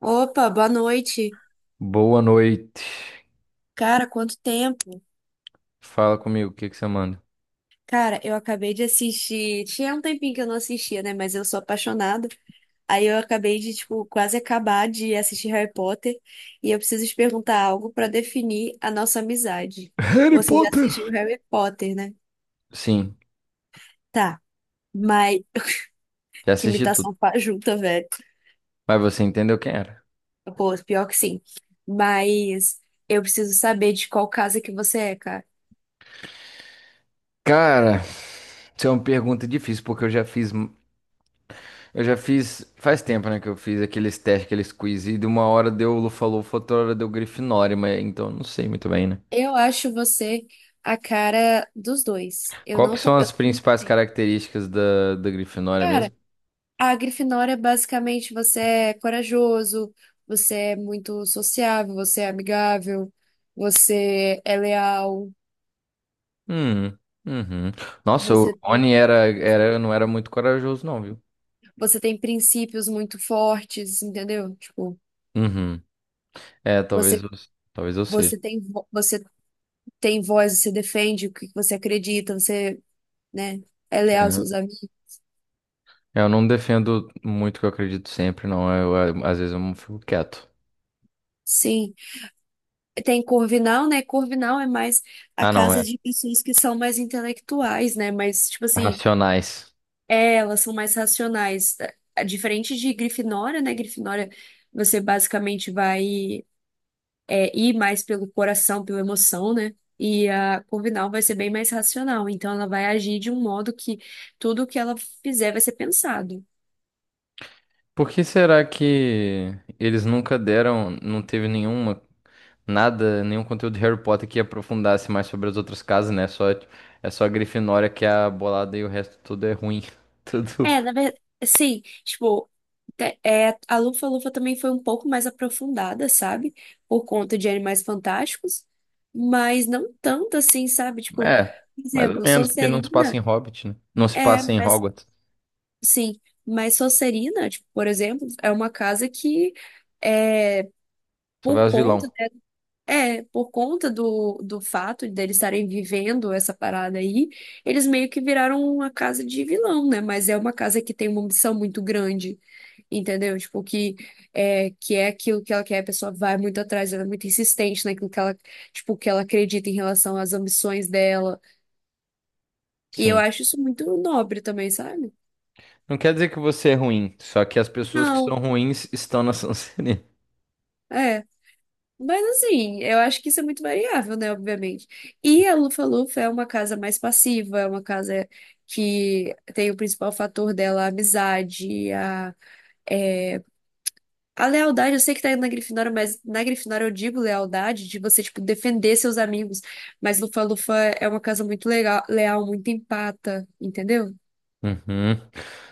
Opa, boa noite. Boa noite. Cara, quanto tempo? Fala comigo, o que que você manda? Cara, eu acabei de assistir. Tinha um tempinho que eu não assistia, né? Mas eu sou apaixonada. Aí eu acabei de, tipo, quase acabar de assistir Harry Potter. E eu preciso te perguntar algo pra definir a nossa amizade. Harry Você já Potter. assistiu Harry Potter, né? Sim, Tá, mas já que assisti tudo. imitação fajuta, velho. Mas você entendeu quem era? Pô, pior que sim. Mas eu preciso saber de qual casa que você é, cara. Cara, isso é uma pergunta difícil, porque eu já fiz. Eu já fiz. Faz tempo, né, que eu fiz aqueles testes, aqueles quiz, e de uma hora deu Lufa-Lufa, outra hora deu Grifinória, mas então eu não sei muito bem, né? Eu acho você a cara dos dois. Eu Qual que não, são eu as também não principais tenho. características da Grifinória Cara, mesmo? a Grifinória é basicamente você é corajoso, você é muito sociável, você é amigável, você é leal, Hum, uhum. Nossa, o você tem, Rony era, você era, tem, não era muito corajoso, não, viu? você tem princípios muito fortes, entendeu? Tipo, Uhum. É, você talvez eu seja. você tem você tem voz, você defende o que você acredita, você, né, é leal aos seus amigos. É, eu não defendo muito o que eu acredito sempre, não. Às vezes eu fico quieto. Sim. Tem Corvinal, né? Corvinal é mais a Ah, não, casa é. de pessoas que são mais intelectuais, né? Mas, tipo assim, Racionais. é, elas são mais racionais. É diferente de Grifinória, né? Grifinória, você basicamente vai ir mais pelo coração, pela emoção, né? E a Corvinal vai ser bem mais racional. Então, ela vai agir de um modo que tudo que ela fizer vai ser pensado. Por que será que eles nunca deram, não teve nenhuma, nada, nenhum conteúdo de Harry Potter que aprofundasse mais sobre as outras casas, né? Só, é só a Grifinória que é a bolada e o resto tudo é ruim. Tudo. É, na verdade, sim, tipo, a Lufa-Lufa também foi um pouco mais aprofundada, sabe? Por conta de Animais Fantásticos, mas não tanto assim, sabe? Tipo, É, por mais ou exemplo, menos, porque não se passa em Sonserina Hobbit, né? Não se é, passa em mas Hogwarts. sim, mas Sonserina, tipo, por exemplo, é uma casa que é Só por vai os conta vilão. é, por conta do fato deles estarem vivendo essa parada aí, eles meio que viraram uma casa de vilão, né? Mas é uma casa que tem uma ambição muito grande, entendeu? Tipo, que é aquilo que ela quer, a pessoa vai muito atrás, ela é muito insistente naquilo que ela, tipo, que ela acredita em relação às ambições dela. E eu Sim. acho isso muito nobre também, sabe? Não quer dizer que você é ruim, só que as pessoas que são Não, ruins estão na Sonserina. é. Mas assim, eu acho que isso é muito variável, né? Obviamente. E a Lufa-Lufa é uma casa mais passiva, é uma casa que tem o principal fator dela a amizade, a, é, a lealdade. Eu sei que tá indo na Grifinória, mas na Grifinória eu digo lealdade, de você, tipo, defender seus amigos. Mas Lufa-Lufa é uma casa muito legal, leal, muito empata, entendeu? Uhum.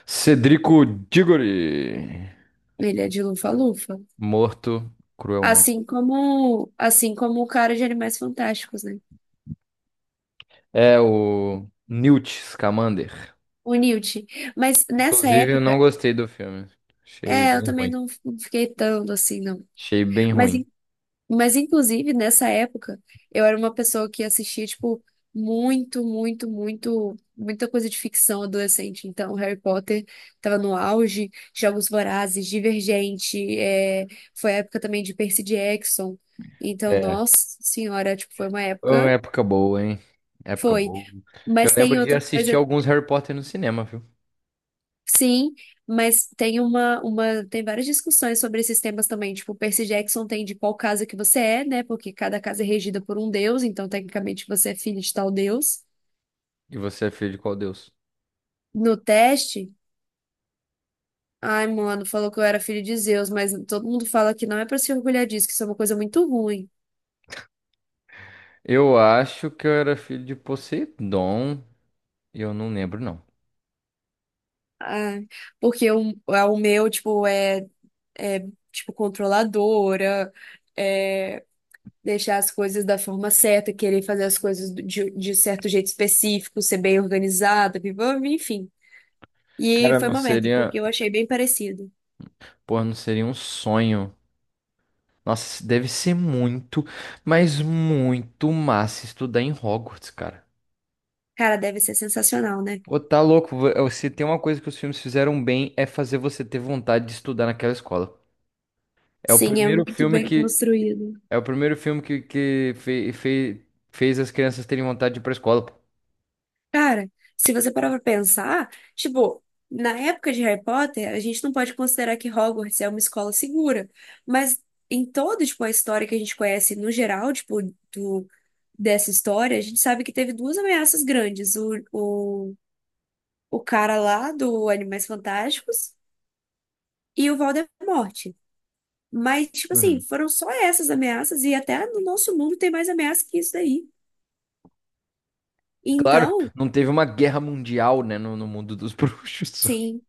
Cedrico Diggory, Ele é de Lufa-Lufa. morto cruelmente. Assim como o cara de Animais Fantásticos, né? É o Newt Scamander. O Newt. Mas nessa Inclusive, eu não época. gostei do filme. Achei É, eu bem também ruim. não, não fiquei tanto assim, não. Achei bem Mas, ruim. Mas, inclusive, nessa época, eu era uma pessoa que assistia, tipo, muito, muito, muito, muita coisa de ficção adolescente. Então, Harry Potter tava no auge, Jogos Vorazes, Divergente, é, foi a época também de Percy Jackson. Então, É, nossa senhora, tipo, foi uma foi uma época. época boa, hein? Época Foi. boa. Eu Mas tem lembro de outra assistir coisa. alguns Harry Potter no cinema, viu? Sim, mas tem tem várias discussões sobre esses temas também. Tipo, o Percy Jackson tem de qual casa que você é, né? Porque cada casa é regida por um deus, então tecnicamente você é filho de tal deus. E você é filho de qual deus? No teste, ai, mano, falou que eu era filho de Zeus, mas todo mundo fala que não é pra se orgulhar disso, que isso é uma coisa muito ruim. Eu acho que eu era filho de Poseidon. E eu não lembro, não. Ah, porque o meu, tipo, é, é tipo controladora. É, deixar as coisas da forma certa, querer fazer as coisas de certo jeito específico, ser bem organizada, enfim. E Cara, foi não uma merda, seria. porque eu achei bem parecido. Porra, não seria um sonho. Nossa, deve ser muito, mas muito massa estudar em Hogwarts, cara. Cara, deve ser sensacional, né? Ô, tá louco, se tem uma coisa que os filmes fizeram bem é fazer você ter vontade de estudar naquela escola. É o Sim, é primeiro muito filme bem que construído. é o primeiro filme que, que fez as crianças terem vontade de ir pra escola. Pô. Cara, se você parar pra pensar, tipo, na época de Harry Potter, a gente não pode considerar que Hogwarts é uma escola segura, mas em toda, tipo, a história que a gente conhece no geral, tipo, do, dessa história, a gente sabe que teve duas ameaças grandes, o, o cara lá do Animais Fantásticos e o Voldemort. Mas, tipo assim, Uhum. foram só essas ameaças, e até no nosso mundo tem mais ameaça que isso daí. Claro, Então, não teve uma guerra mundial, né, no mundo dos bruxos. sim,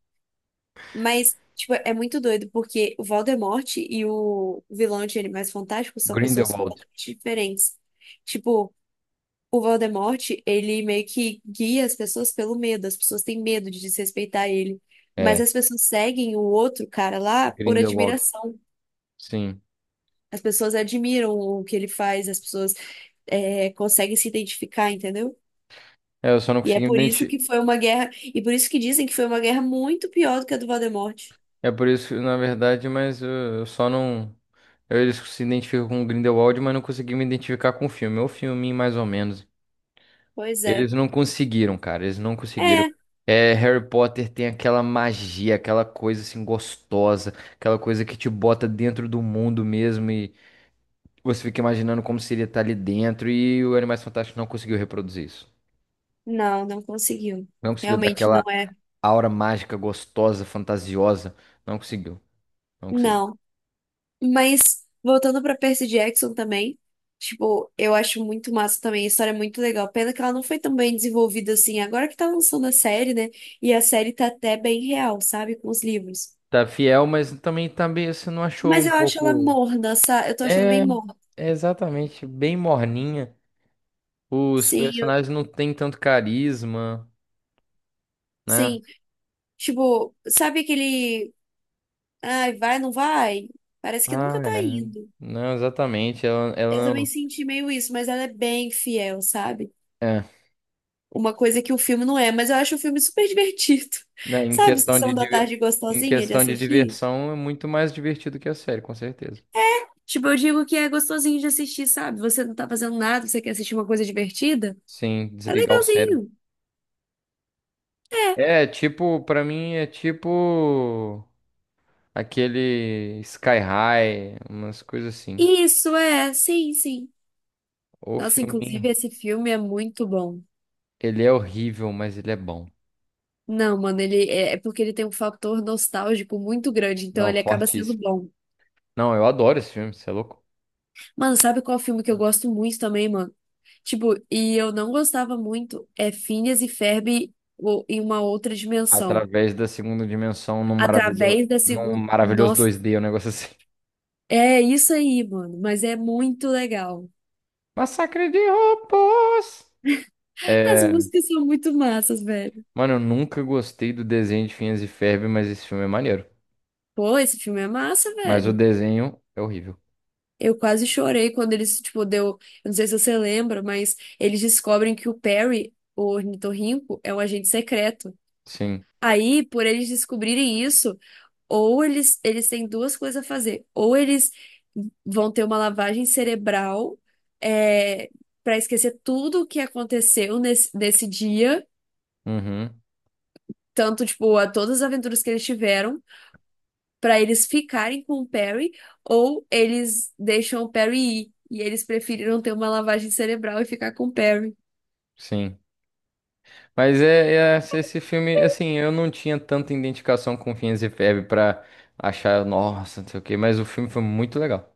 mas, tipo, é muito doido, porque o Voldemort e o vilão de Animais Fantásticos são pessoas Grindelwald. completamente diferentes. Tipo, o Voldemort, ele meio que guia as pessoas pelo medo, as pessoas têm medo de desrespeitar ele. Mas É, as pessoas seguem o outro cara lá por Grindelwald. admiração. Sim. As pessoas admiram o que ele faz, as pessoas é, conseguem se identificar, entendeu? É, eu só não E é consegui me por isso identi- que foi uma guerra, e por isso que dizem que foi uma guerra muito pior do que a do Voldemort. É por isso, na verdade, mas eu só não. Eles se identificam com o Grindelwald, mas não consegui me identificar com o filme. É o filme, mais ou menos. Pois é. Eles não conseguiram, cara. Eles não conseguiram. É, É, Harry Potter tem aquela magia, aquela coisa assim gostosa, aquela coisa que te bota dentro do mundo mesmo e você fica imaginando como seria estar ali dentro. E o Animais Fantásticos não conseguiu reproduzir isso. não, não conseguiu. Não conseguiu dar Realmente aquela não é. aura mágica, gostosa, fantasiosa. Não conseguiu. Não conseguiu. Não. Mas voltando pra Percy Jackson também, tipo, eu acho muito massa também, a história é muito legal. Pena que ela não foi tão bem desenvolvida assim, agora que tá lançando a série, né? E a série tá até bem real, sabe, com os livros. Tá fiel, mas também tá meio, você não achou Mas um eu acho ela pouco. morna, sabe? Eu tô achando bem. É, é exatamente, bem morninha. Os Sim, eu, personagens não têm tanto carisma, né? sim. Tipo, sabe aquele. Ai, vai, não vai? Parece que nunca Ah, tá é. indo. Não, exatamente. Ela, Eu ela também não. senti meio isso, mas ela é bem fiel, sabe? É. Uma coisa que o filme não é, mas eu acho o filme super divertido. Né, em Sabe, sessão da tarde em gostosinha de questão de assistir? diversão, é muito mais divertido que a série, com certeza. Tipo, eu digo que é gostosinho de assistir, sabe? Você não tá fazendo nada, você quer assistir uma coisa divertida? Sim, É desligar o cérebro. legalzinho. É, tipo, pra mim é tipo aquele Sky High, umas coisas assim. Isso, é, sim, sim. Ou Nossa, filminho. inclusive esse filme é muito bom. Ele é horrível, mas ele é bom. Não, mano, ele é porque ele tem um fator nostálgico muito grande, então Não, ele acaba sendo fortíssimo. bom. Não, eu adoro esse filme, você é louco? Mano, sabe qual filme que eu gosto muito também, mano? Tipo, e eu não gostava muito, é Phineas e Ferb em uma outra dimensão. Através da segunda dimensão Através da num segunda. maravilhoso Nossa, 2D, um negócio assim. é isso aí, mano, mas é muito legal. Massacre de robôs! As É, músicas são muito massas, velho. mano, eu nunca gostei do desenho de Phineas e Ferb, mas esse filme é maneiro. Pô, esse filme é massa, Mas o velho. desenho é horrível. Eu quase chorei quando eles, tipo, deu. Eu não sei se você lembra, mas eles descobrem que o Perry, o ornitorrinco, é um agente secreto. Sim. Aí, por eles descobrirem isso, ou eles têm duas coisas a fazer. Ou eles vão ter uma lavagem cerebral, é, para esquecer tudo o que aconteceu nesse dia, Uhum. tanto, tipo, a todas as aventuras que eles tiveram, para eles ficarem com o Perry, ou eles deixam o Perry ir e eles preferiram ter uma lavagem cerebral e ficar com o Perry. Sim. Mas é, é esse filme, assim, eu não tinha tanta identificação com Phineas e Ferb pra achar, nossa, não sei o quê, mas o filme foi muito legal.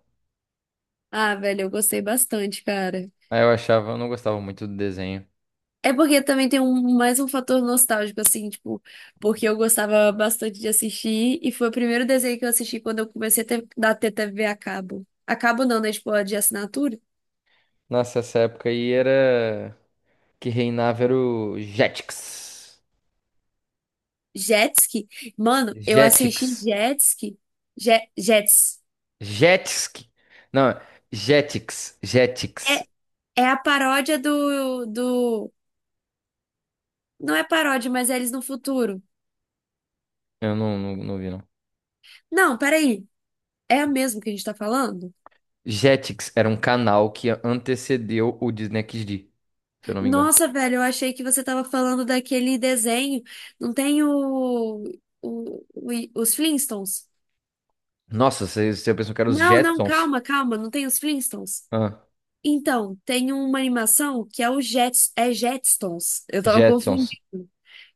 Ah, velho, eu gostei bastante, cara. Aí eu achava, eu não gostava muito do desenho. É porque também tem um, mais um fator nostálgico, assim, tipo, porque eu gostava bastante de assistir e foi o primeiro desenho que eu assisti quando eu comecei a ter, da TTV a cabo. A cabo não, né? Tipo, a de assinatura. Nossa, essa época aí era que reinava era o Jetix. Jetski. Mano, eu assisti Jetix. Jetski. Je, Jets. Jetix. Não, Jetix. Jetix. É, é a paródia do. Não é paródia, mas é eles no futuro. Eu não, não vi, não. Não, peraí. É a mesma que a gente tá falando? Jetix era um canal que antecedeu o Disney XD, se eu não me engano. Nossa, velho, eu achei que você tava falando daquele desenho. Não tem o, os Flintstones? Nossa, você, você pensou que era os Não, não, Jetsons? calma, calma, não tem os Flintstones. Ah, Então, tem uma animação que é o Jets, é Jetstones. Eu tava confundindo. Jetsons.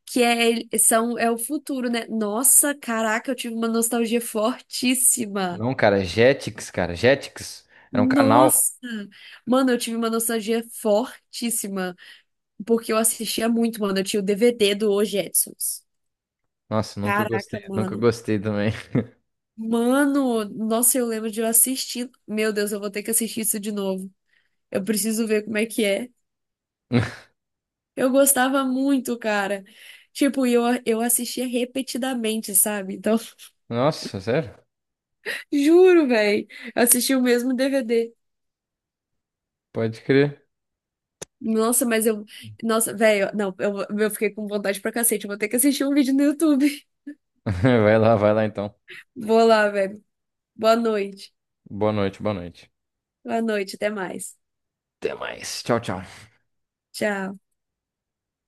Que é, são, é o futuro, né? Nossa, caraca, eu tive uma nostalgia fortíssima. Não, cara, Jetix, cara. Jetix. Era um canal. Nossa! Mano, eu tive uma nostalgia fortíssima, porque eu assistia muito, mano. Eu tinha o DVD do Os Jetsons. Nossa, nunca gostei. Caraca, Nunca mano. gostei também. Mano, nossa, eu lembro de eu assistir. Meu Deus, eu vou ter que assistir isso de novo. Eu preciso ver como é que é. Eu gostava muito, cara. Tipo, eu assistia repetidamente, sabe? Então, Nossa, sério? juro, velho. Eu assisti o mesmo DVD. Pode crer. Nossa, mas eu. Nossa, velho, não, eu fiquei com vontade pra cacete. Eu vou ter que assistir um vídeo no YouTube. Vai lá então. Vou lá, velho. Boa noite. Boa noite, boa noite. Boa noite, até mais. Até mais. Tchau, tchau. Tchau.